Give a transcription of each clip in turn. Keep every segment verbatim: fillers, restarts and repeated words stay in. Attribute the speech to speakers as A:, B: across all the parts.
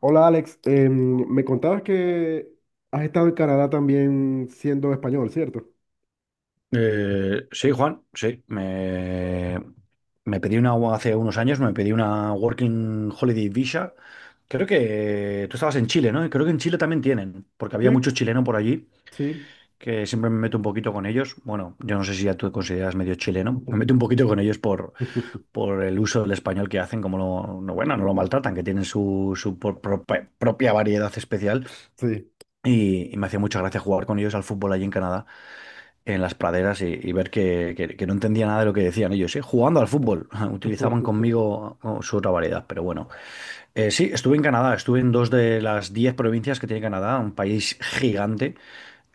A: Hola Alex, Em, me contabas que has estado en Canadá también siendo español, ¿cierto?
B: Eh, sí, Juan, sí. Me, me pedí una, hace unos años, me pedí una Working Holiday Visa. Creo que tú estabas en Chile, ¿no? Y creo que en Chile también tienen, porque
A: Sí,
B: había mucho chileno por allí,
A: sí.
B: que siempre me meto un poquito con ellos. Bueno, yo no sé si ya tú te consideras medio chileno. Me meto un poquito con ellos por, por el uso del español que hacen, como lo, no, bueno, no lo maltratan, que tienen su, su por- propa- propia variedad especial.
A: Sí.
B: Y, y me hacía mucha gracia jugar con ellos al fútbol allí en Canadá, en las praderas, y, y ver que, que- que no entendía nada de lo que decían ellos, ¿eh? Jugando al fútbol. Utilizaban conmigo oh, su otra variedad, pero bueno. Eh, sí, estuve en Canadá, estuve en dos de las diez provincias que tiene Canadá, un país gigante,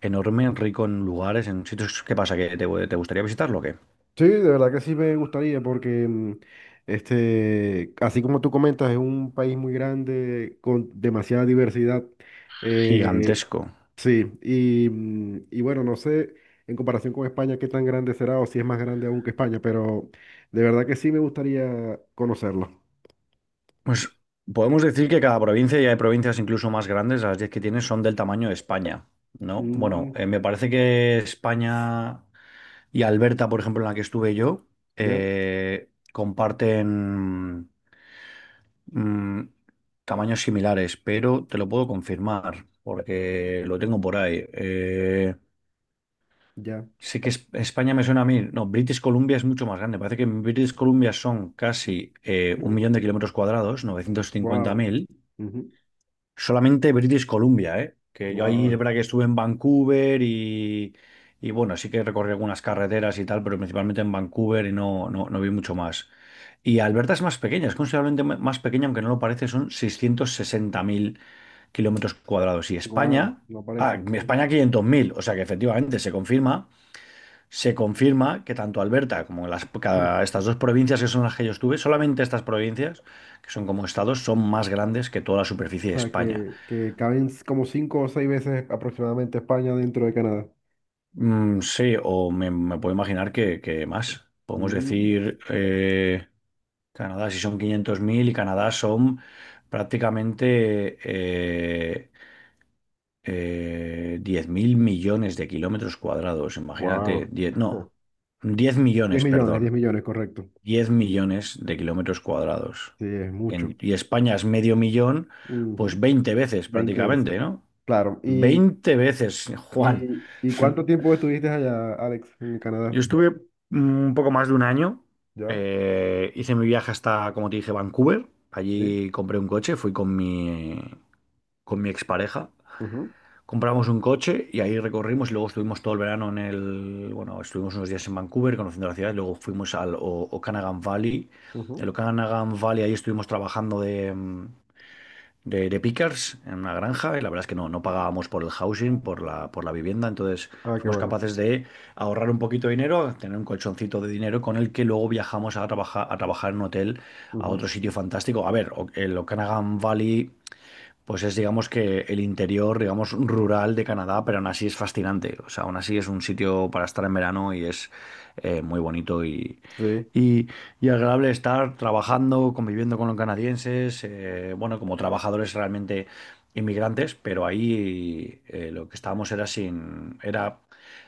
B: enorme, rico en lugares, en sitios. ¿Qué pasa? ¿Que te, te gustaría visitarlo o qué?
A: Sí, de verdad que sí me gustaría porque em, este, así como tú comentas, es un país muy grande con demasiada diversidad. Eh,
B: Gigantesco.
A: sí, y, mm, y bueno, no sé en comparación con España qué tan grande será o si es más grande aún que España, pero de verdad que sí me gustaría conocerlo.
B: Pues podemos decir que cada provincia, y hay provincias incluso más grandes, las diez que tiene son del tamaño de España, ¿no? Bueno,
A: Mm.
B: eh, me parece que España y Alberta, por ejemplo, en la que estuve yo,
A: ¿Ya?
B: eh, comparten mm, tamaños similares, pero te lo puedo confirmar porque lo tengo por ahí. Eh,
A: Ya.
B: sí que es- España me suena a mí. No, British Columbia es mucho más grande. Parece que en British Columbia son casi eh, un millón de kilómetros cuadrados, novecientos cincuenta
A: Wow.
B: mil. Solamente British Columbia, ¿eh? Que yo ahí es
A: Wow.
B: verdad que estuve en Vancouver y, y bueno, sí que recorrí algunas carreteras y tal, pero principalmente en Vancouver y no, no, no vi mucho más. Y Alberta es más pequeña, es considerablemente m- más pequeña, aunque no lo parece, son seiscientos sesenta mil kilómetros cuadrados. Y
A: Wow.
B: España,
A: No
B: ah,
A: parece. Ujú.
B: España quinientos mil, o sea que efectivamente se confirma, se confirma que tanto Alberta como las, cada- estas dos provincias que son las que yo estuve, solamente estas provincias, que son como estados, son más grandes que toda la
A: O
B: superficie de
A: sea
B: España.
A: que, que caben como cinco o seis veces aproximadamente España dentro de Canadá.
B: Mm, sí, o me, me puedo imaginar que, que más. Podemos decir, eh, Canadá si son quinientos mil y Canadá son prácticamente eh, eh, diez mil millones de kilómetros cuadrados.
A: Wow.
B: Imagínate, diez, no, diez
A: diez
B: millones,
A: millones, diez
B: perdón,
A: millones, correcto.
B: diez millones de kilómetros cuadrados.
A: Sí, es mucho.
B: En- y España es medio millón, pues
A: Ujú.
B: veinte veces
A: Veinte veces.
B: prácticamente, ¿no?
A: Claro. ¿Y,
B: Veinte veces, Juan.
A: y, y cuánto tiempo estuviste allá, Alex, en
B: Yo
A: Canadá?
B: estuve mm, un poco más de un año.
A: Ya.
B: eh, hice mi viaje hasta, como te dije, Vancouver.
A: Sí.
B: Allí compré un coche, fui con mi, con mi expareja.
A: Ujú,
B: Compramos un coche y ahí recorrimos y luego estuvimos todo el verano en el... Bueno, estuvimos unos días en Vancouver conociendo la ciudad. Y luego fuimos al O- Okanagan Valley.
A: ujú.
B: El Okanagan Valley, ahí estuvimos trabajando de, mm, de, de pickers en una granja y la verdad es que no, no pagábamos por el housing, por la, por la vivienda, entonces
A: Ah, qué
B: fuimos
A: bueno.
B: capaces de ahorrar un poquito de dinero, tener un colchoncito de dinero con el que luego viajamos a trabajar, a trabajar en un hotel a
A: Ujú.
B: otro sitio fantástico. A ver, o- el Okanagan Valley pues es, digamos que el interior, digamos, rural de Canadá, pero aún así es fascinante. O sea, aún así es un sitio para estar en verano y es eh, muy bonito y,
A: Sí,
B: y, y agradable estar trabajando, conviviendo con los canadienses, eh, bueno, como trabajadores realmente inmigrantes, pero ahí eh, lo que estábamos era sin, era,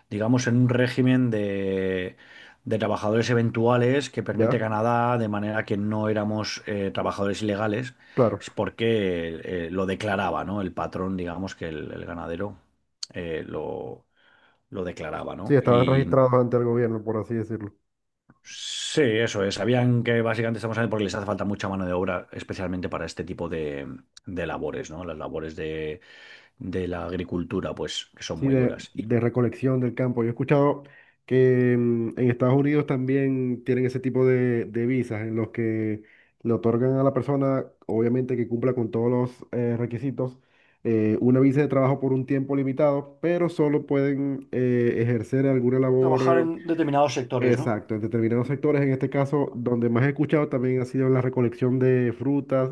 B: digamos, en un régimen de, de trabajadores eventuales que permite
A: ya,
B: Canadá, de manera que no éramos eh, trabajadores ilegales
A: claro.
B: es porque eh, lo declaraba, ¿no? El patrón, digamos que el, el ganadero eh, lo, lo declaraba,
A: Sí,
B: ¿no?
A: estaban
B: Y
A: registrados ante el gobierno, por así decirlo.
B: sí, eso es. Sabían que básicamente estamos hablando porque les hace falta mucha mano de obra, especialmente para este tipo de, de labores, ¿no? Las labores de, de la agricultura, pues, que son
A: Sí,
B: muy
A: de,
B: duras. Y
A: de recolección del campo. Yo he escuchado que mm, en Estados Unidos también tienen ese tipo de, de visas en los que le otorgan a la persona, obviamente que cumpla con todos los eh, requisitos, eh, una visa de trabajo por un tiempo limitado, pero solo pueden eh, ejercer alguna
B: trabajar
A: labor.
B: en determinados sectores, ¿no?
A: Exacto, en determinados sectores, en este caso, donde más he escuchado también ha sido en la recolección de frutas,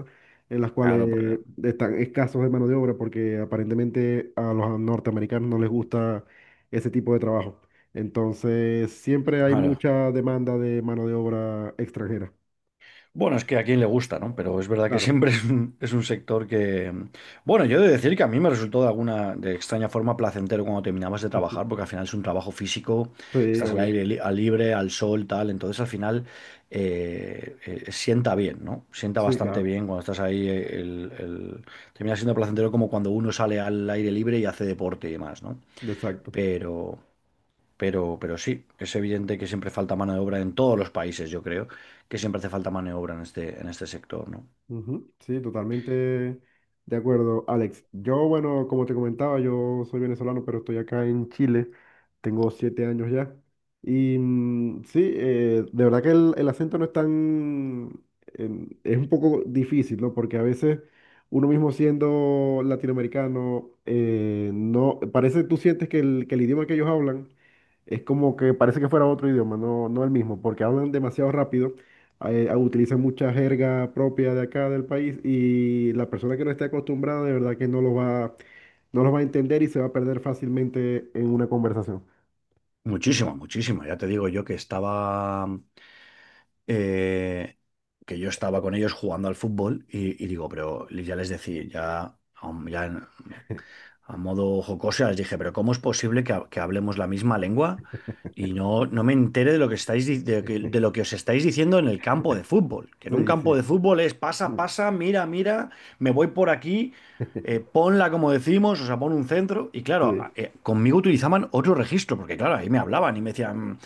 A: en las
B: Claro,
A: cuales
B: porque
A: están escasos de mano de obra, porque aparentemente a los norteamericanos no les gusta ese tipo de trabajo. Entonces, siempre hay
B: claro,
A: mucha demanda de mano de obra extranjera.
B: bueno, es que a quien le gusta, ¿no? Pero es verdad que
A: Claro.
B: siempre es un, es un sector que... Bueno, yo he de decir que a mí me resultó de alguna de extraña forma placentero cuando terminabas de trabajar, porque al final es un trabajo físico,
A: Sí,
B: estás al
A: obvio.
B: aire li- al libre, al sol, tal, entonces al final eh, eh, sienta bien, ¿no? Sienta
A: Sí,
B: bastante
A: claro.
B: bien cuando estás ahí, eh, el, el- termina siendo placentero como cuando uno sale al aire libre y hace deporte y demás, ¿no?
A: Exacto.
B: Pero... Pero, pero sí, es evidente que siempre falta mano de obra en todos los países, yo creo, que siempre hace falta mano de obra en este, en este sector, ¿no?
A: Ujú. Sí, totalmente de acuerdo, Alex. Yo, bueno, como te comentaba, yo soy venezolano, pero estoy acá en Chile. Tengo siete años ya. Y mm, sí, eh, de verdad que el, el acento no es tan... en- es un poco difícil, ¿no? Porque a veces uno mismo siendo latinoamericano, eh, no... Parece, tú sientes que el, que el idioma que ellos hablan es como que parece que fuera otro idioma, no, no el mismo, porque hablan demasiado rápido eh, utiliza mucha jerga propia de acá del país y la persona que no esté acostumbrada de verdad que no lo va, no lo va a entender y se va a perder fácilmente en una conversación.
B: Muchísimo, muchísimo. Ya te digo yo que estaba, eh, que yo estaba con ellos jugando al fútbol y, y digo, pero ya les decía, ya, aún- ya a modo jocosa, les dije, pero ¿cómo es posible que, ha- que hablemos la misma lengua y no, no me entere de lo que estáis, di- de, que- de lo que os estáis diciendo en el campo de fútbol? Que en un
A: Sí,
B: campo de
A: sí.
B: fútbol es pasa, pasa, mira, mira, me voy por aquí, eh, ponla como decimos, o sea, pon un centro. Y claro, a-
A: Sí,
B: eh, conmigo utilizaban otro registro, porque claro, ahí me hablaban y me decían,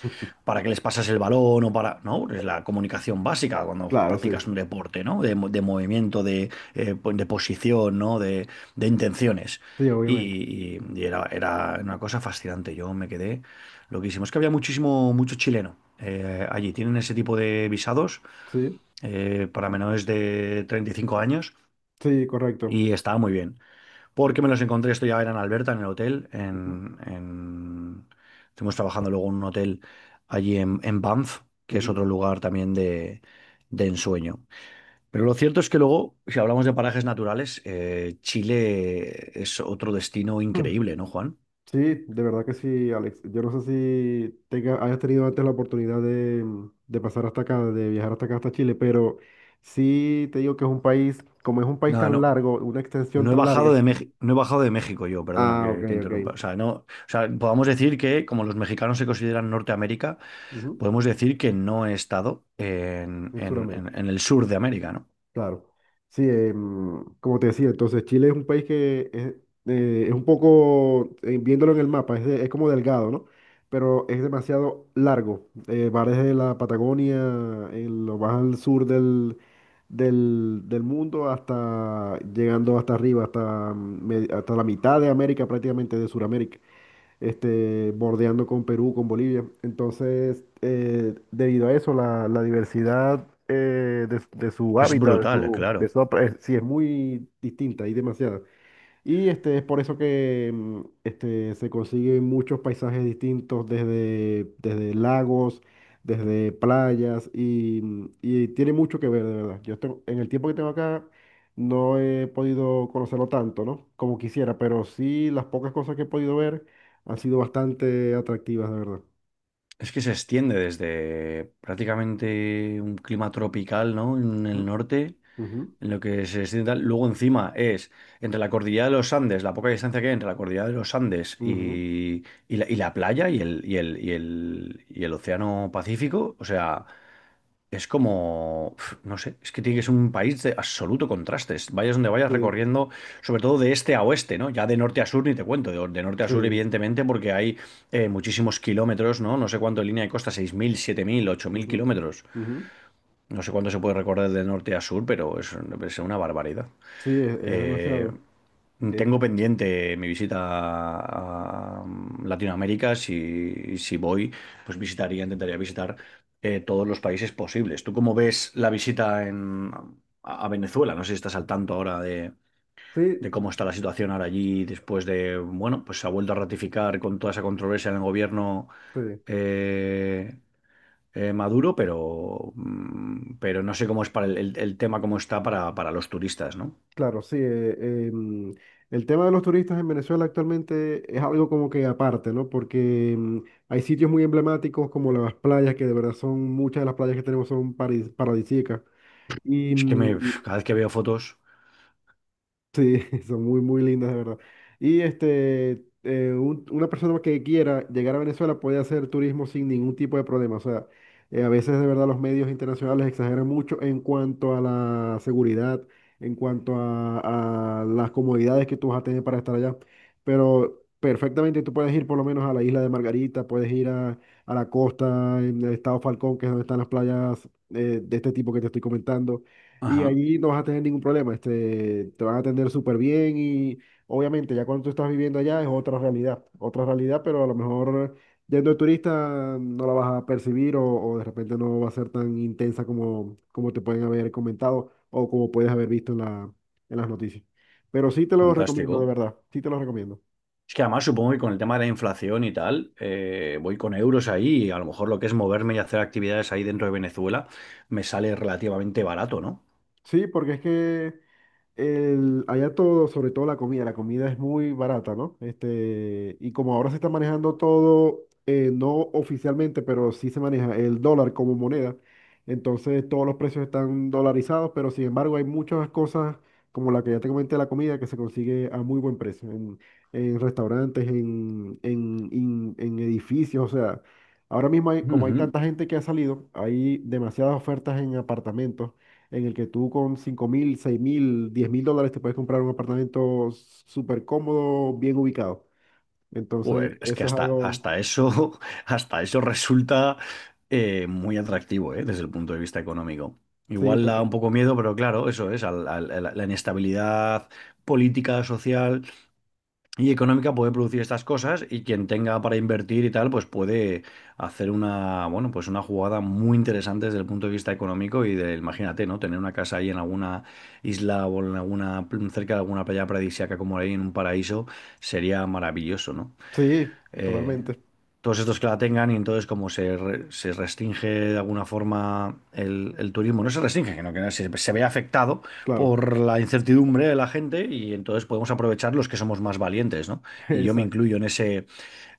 B: ¿para qué les pasas el balón o para? No, es la comunicación básica cuando
A: claro,
B: practicas
A: sí.
B: un deporte, ¿no? De, mo- de movimiento, de, eh, pues, de posición, ¿no? De, de intenciones.
A: Sí,
B: Y,
A: obviamente.
B: y- y era, era una cosa fascinante. Yo me quedé loquísimo. Es que había muchísimo, mucho chileno eh, allí. Tienen ese tipo de visados
A: Sí,
B: eh, para menores de treinta y cinco años
A: sí, correcto.
B: y estaba muy bien. Porque me los encontré, esto ya era en Alberta, en el hotel.
A: Ujú,
B: En, en- Estuvimos trabajando luego en un hotel allí en, en Banff, que es otro lugar también de, de ensueño. Pero lo cierto es que luego, si hablamos de parajes naturales, eh, Chile es otro destino
A: ujú.
B: increíble, ¿no, Juan?
A: Sí, de verdad que sí, Alex. Yo no sé si tenga, hayas tenido antes la oportunidad de, mm, de pasar hasta acá, de viajar hasta acá, hasta Chile, pero sí te digo que es un país, como es un país
B: Nada,
A: tan
B: no.
A: largo, una extensión
B: No he
A: tan
B: bajado
A: larga.
B: de México, no he bajado de México yo, perdona
A: Ah, ok,
B: que te interrumpa. O
A: ok.
B: sea, no, o sea, podamos decir que, como los mexicanos se consideran Norteamérica,
A: Ujú.
B: podemos decir que no he estado en,
A: En
B: en-
A: Sudamérica.
B: en- en el sur de América, ¿no?
A: Claro. Sí, em, como te decía, entonces Chile es un país que es, eh, es un poco, eh, viéndolo en el mapa, es, de- es como delgado, ¿no? Pero es demasiado largo. Eh, va desde la Patagonia, eh, lo vas al sur del, del, del mundo hasta llegando hasta arriba, hasta, mm, me- hasta la mitad de América, prácticamente de Sudamérica este, bordeando con Perú, con Bolivia. Entonces, eh, debido a eso, la, la diversidad eh, de, de su
B: Es
A: hábitat, de
B: brutal,
A: su,
B: claro.
A: de su, eh, sí, es muy distinta, hay demasiada. Y este, es por eso que mm, este, se consiguen muchos paisajes distintos, desde, desde lagos, desde playas, y, mm, y tiene mucho que ver, de verdad. Yo tengo- en el tiempo que tengo acá no he podido conocerlo tanto, ¿no? Como quisiera, pero sí las pocas cosas que he podido ver han sido bastante atractivas, de verdad.
B: Es que se extiende desde prácticamente un clima tropical, ¿no? En
A: Ujú,
B: el norte,
A: ujú,
B: en lo que se extiende tal. Luego encima es entre la cordillera de los Andes, la poca distancia que hay entre la cordillera de los Andes
A: ujú.
B: y, y la, y la playa y el, y el, y el, y el océano Pacífico. O sea, es como, pf, no sé, es que tiene que ser un país de absoluto contrastes. Vayas donde vayas
A: Sí,
B: recorriendo, sobre todo de este a oeste, ¿no? Ya de norte a sur ni te cuento, de, de norte a sur
A: sí.
B: evidentemente porque hay eh, muchísimos kilómetros, ¿no? No sé cuánto de línea de costa, seis mil, siete mil, ocho mil
A: Ujú,
B: kilómetros.
A: ujú.
B: No sé cuánto se puede recorrer de norte a sur, pero es, es una barbaridad.
A: Sí, es, es
B: Eh,
A: demasiado. Es-
B: tengo pendiente mi visita a a Latinoamérica. Si, si voy, pues visitaría, intentaría visitar eh, todos los países posibles. ¿Tú cómo ves la visita en, a a Venezuela? No sé si estás al tanto ahora de,
A: sí,
B: de cómo está la situación ahora allí después de, bueno, pues se ha vuelto a ratificar con toda esa controversia en el gobierno
A: sí.
B: eh, eh, Maduro, pero, mm, pero no sé cómo es para el, el- el tema, cómo está para, para los turistas, ¿no?
A: Claro, sí. eh, em, el tema de los turistas en Venezuela actualmente es algo como que aparte, ¿no? Porque em, hay sitios muy emblemáticos como las playas, que de verdad son, muchas de las playas que tenemos son paradis- paradisíacas. Y,
B: Es que me,
A: mm.
B: cada vez que veo fotos,
A: Sí, son muy, muy lindas, de verdad. Y este, eh, un- una persona que quiera llegar a Venezuela puede hacer turismo sin ningún tipo de problema. O sea, eh, a veces de verdad los medios internacionales exageran mucho en cuanto a la seguridad, en cuanto a, a las comodidades que tú vas a tener para estar allá. Pero perfectamente tú puedes ir por lo menos a la isla de Margarita, puedes ir a, a la costa en el estado Falcón, que es donde están las playas eh, de este tipo que te estoy comentando y
B: ajá,
A: allí no vas a tener ningún problema, este, te van a atender súper bien y obviamente ya cuando tú estás viviendo allá es otra realidad, otra realidad, pero a lo mejor yendo de turista no la vas a percibir o, o de repente no va a ser tan intensa como, como te pueden haber comentado o como puedes haber visto en la, en las noticias. Pero sí te lo recomiendo, de
B: fantástico.
A: verdad, sí te lo recomiendo.
B: Es que además supongo que con el tema de la inflación y tal, eh, voy con euros ahí y a lo mejor lo que es moverme y hacer actividades ahí dentro de Venezuela me sale relativamente barato, ¿no?
A: Sí, porque es que el, allá todo, sobre todo la comida, la comida es muy barata, ¿no? Este, y como ahora se está manejando todo, eh, no oficialmente, pero sí se maneja el dólar como moneda, entonces todos los precios están dolarizados, pero sin embargo hay muchas cosas, como la que ya te comenté, la comida, que se consigue a muy buen precio, en, en restaurantes, en, en, en- en edificios, o sea, ahora mismo hay- como hay
B: Ujú.
A: tanta gente que ha salido, hay demasiadas ofertas en apartamentos en el que tú con cinco mil, seis mil, diez mil dólares te puedes comprar un apartamento súper cómodo, bien ubicado. Entonces,
B: Joder, es que
A: eso es
B: hasta,
A: algo,
B: hasta eso, hasta eso resulta eh, muy atractivo, ¿eh? Desde el punto de vista económico.
A: sí,
B: Igual da un
A: total,
B: poco miedo, pero claro, eso es, al- al- la la inestabilidad política, social y económica puede producir estas cosas y quien tenga para invertir y tal, pues puede hacer una, bueno, pues una jugada muy interesante desde el punto de vista económico y de, imagínate, ¿no? Tener una casa ahí en alguna isla o en alguna, cerca de alguna playa paradisíaca como ahí en un paraíso sería maravilloso, ¿no?
A: sí,
B: eh,
A: totalmente,
B: todos estos que la tengan y entonces como se, re- se restringe de alguna forma el, el turismo, no se restringe, sino que se, se ve afectado
A: claro,
B: por la incertidumbre de la gente y entonces podemos aprovechar los que somos más valientes, ¿no? Y yo me
A: exacto,
B: incluyo en ese,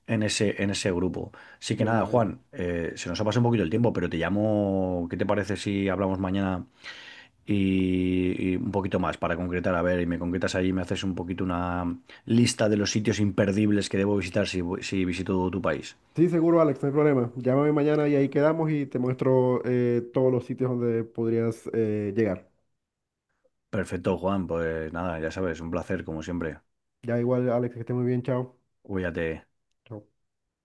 B: en ese, en ese grupo. Así que
A: me
B: nada,
A: imagino.
B: Juan, eh, se nos ha pasado un poquito el tiempo, pero te llamo, ¿qué te parece si hablamos mañana y, y un poquito más para concretar, a ver, y me concretas ahí, me haces un poquito una lista de los sitios imperdibles que debo visitar si, voy- si visito tu país.
A: Sí, seguro, Alex, no hay problema. Llámame mañana y ahí quedamos y te muestro eh, todos los sitios donde podrías eh, llegar.
B: Perfecto, Juan, pues nada, ya sabes, un placer como siempre.
A: Ya igual, Alex, que esté muy bien, chao.
B: Cuídate.
A: Chao.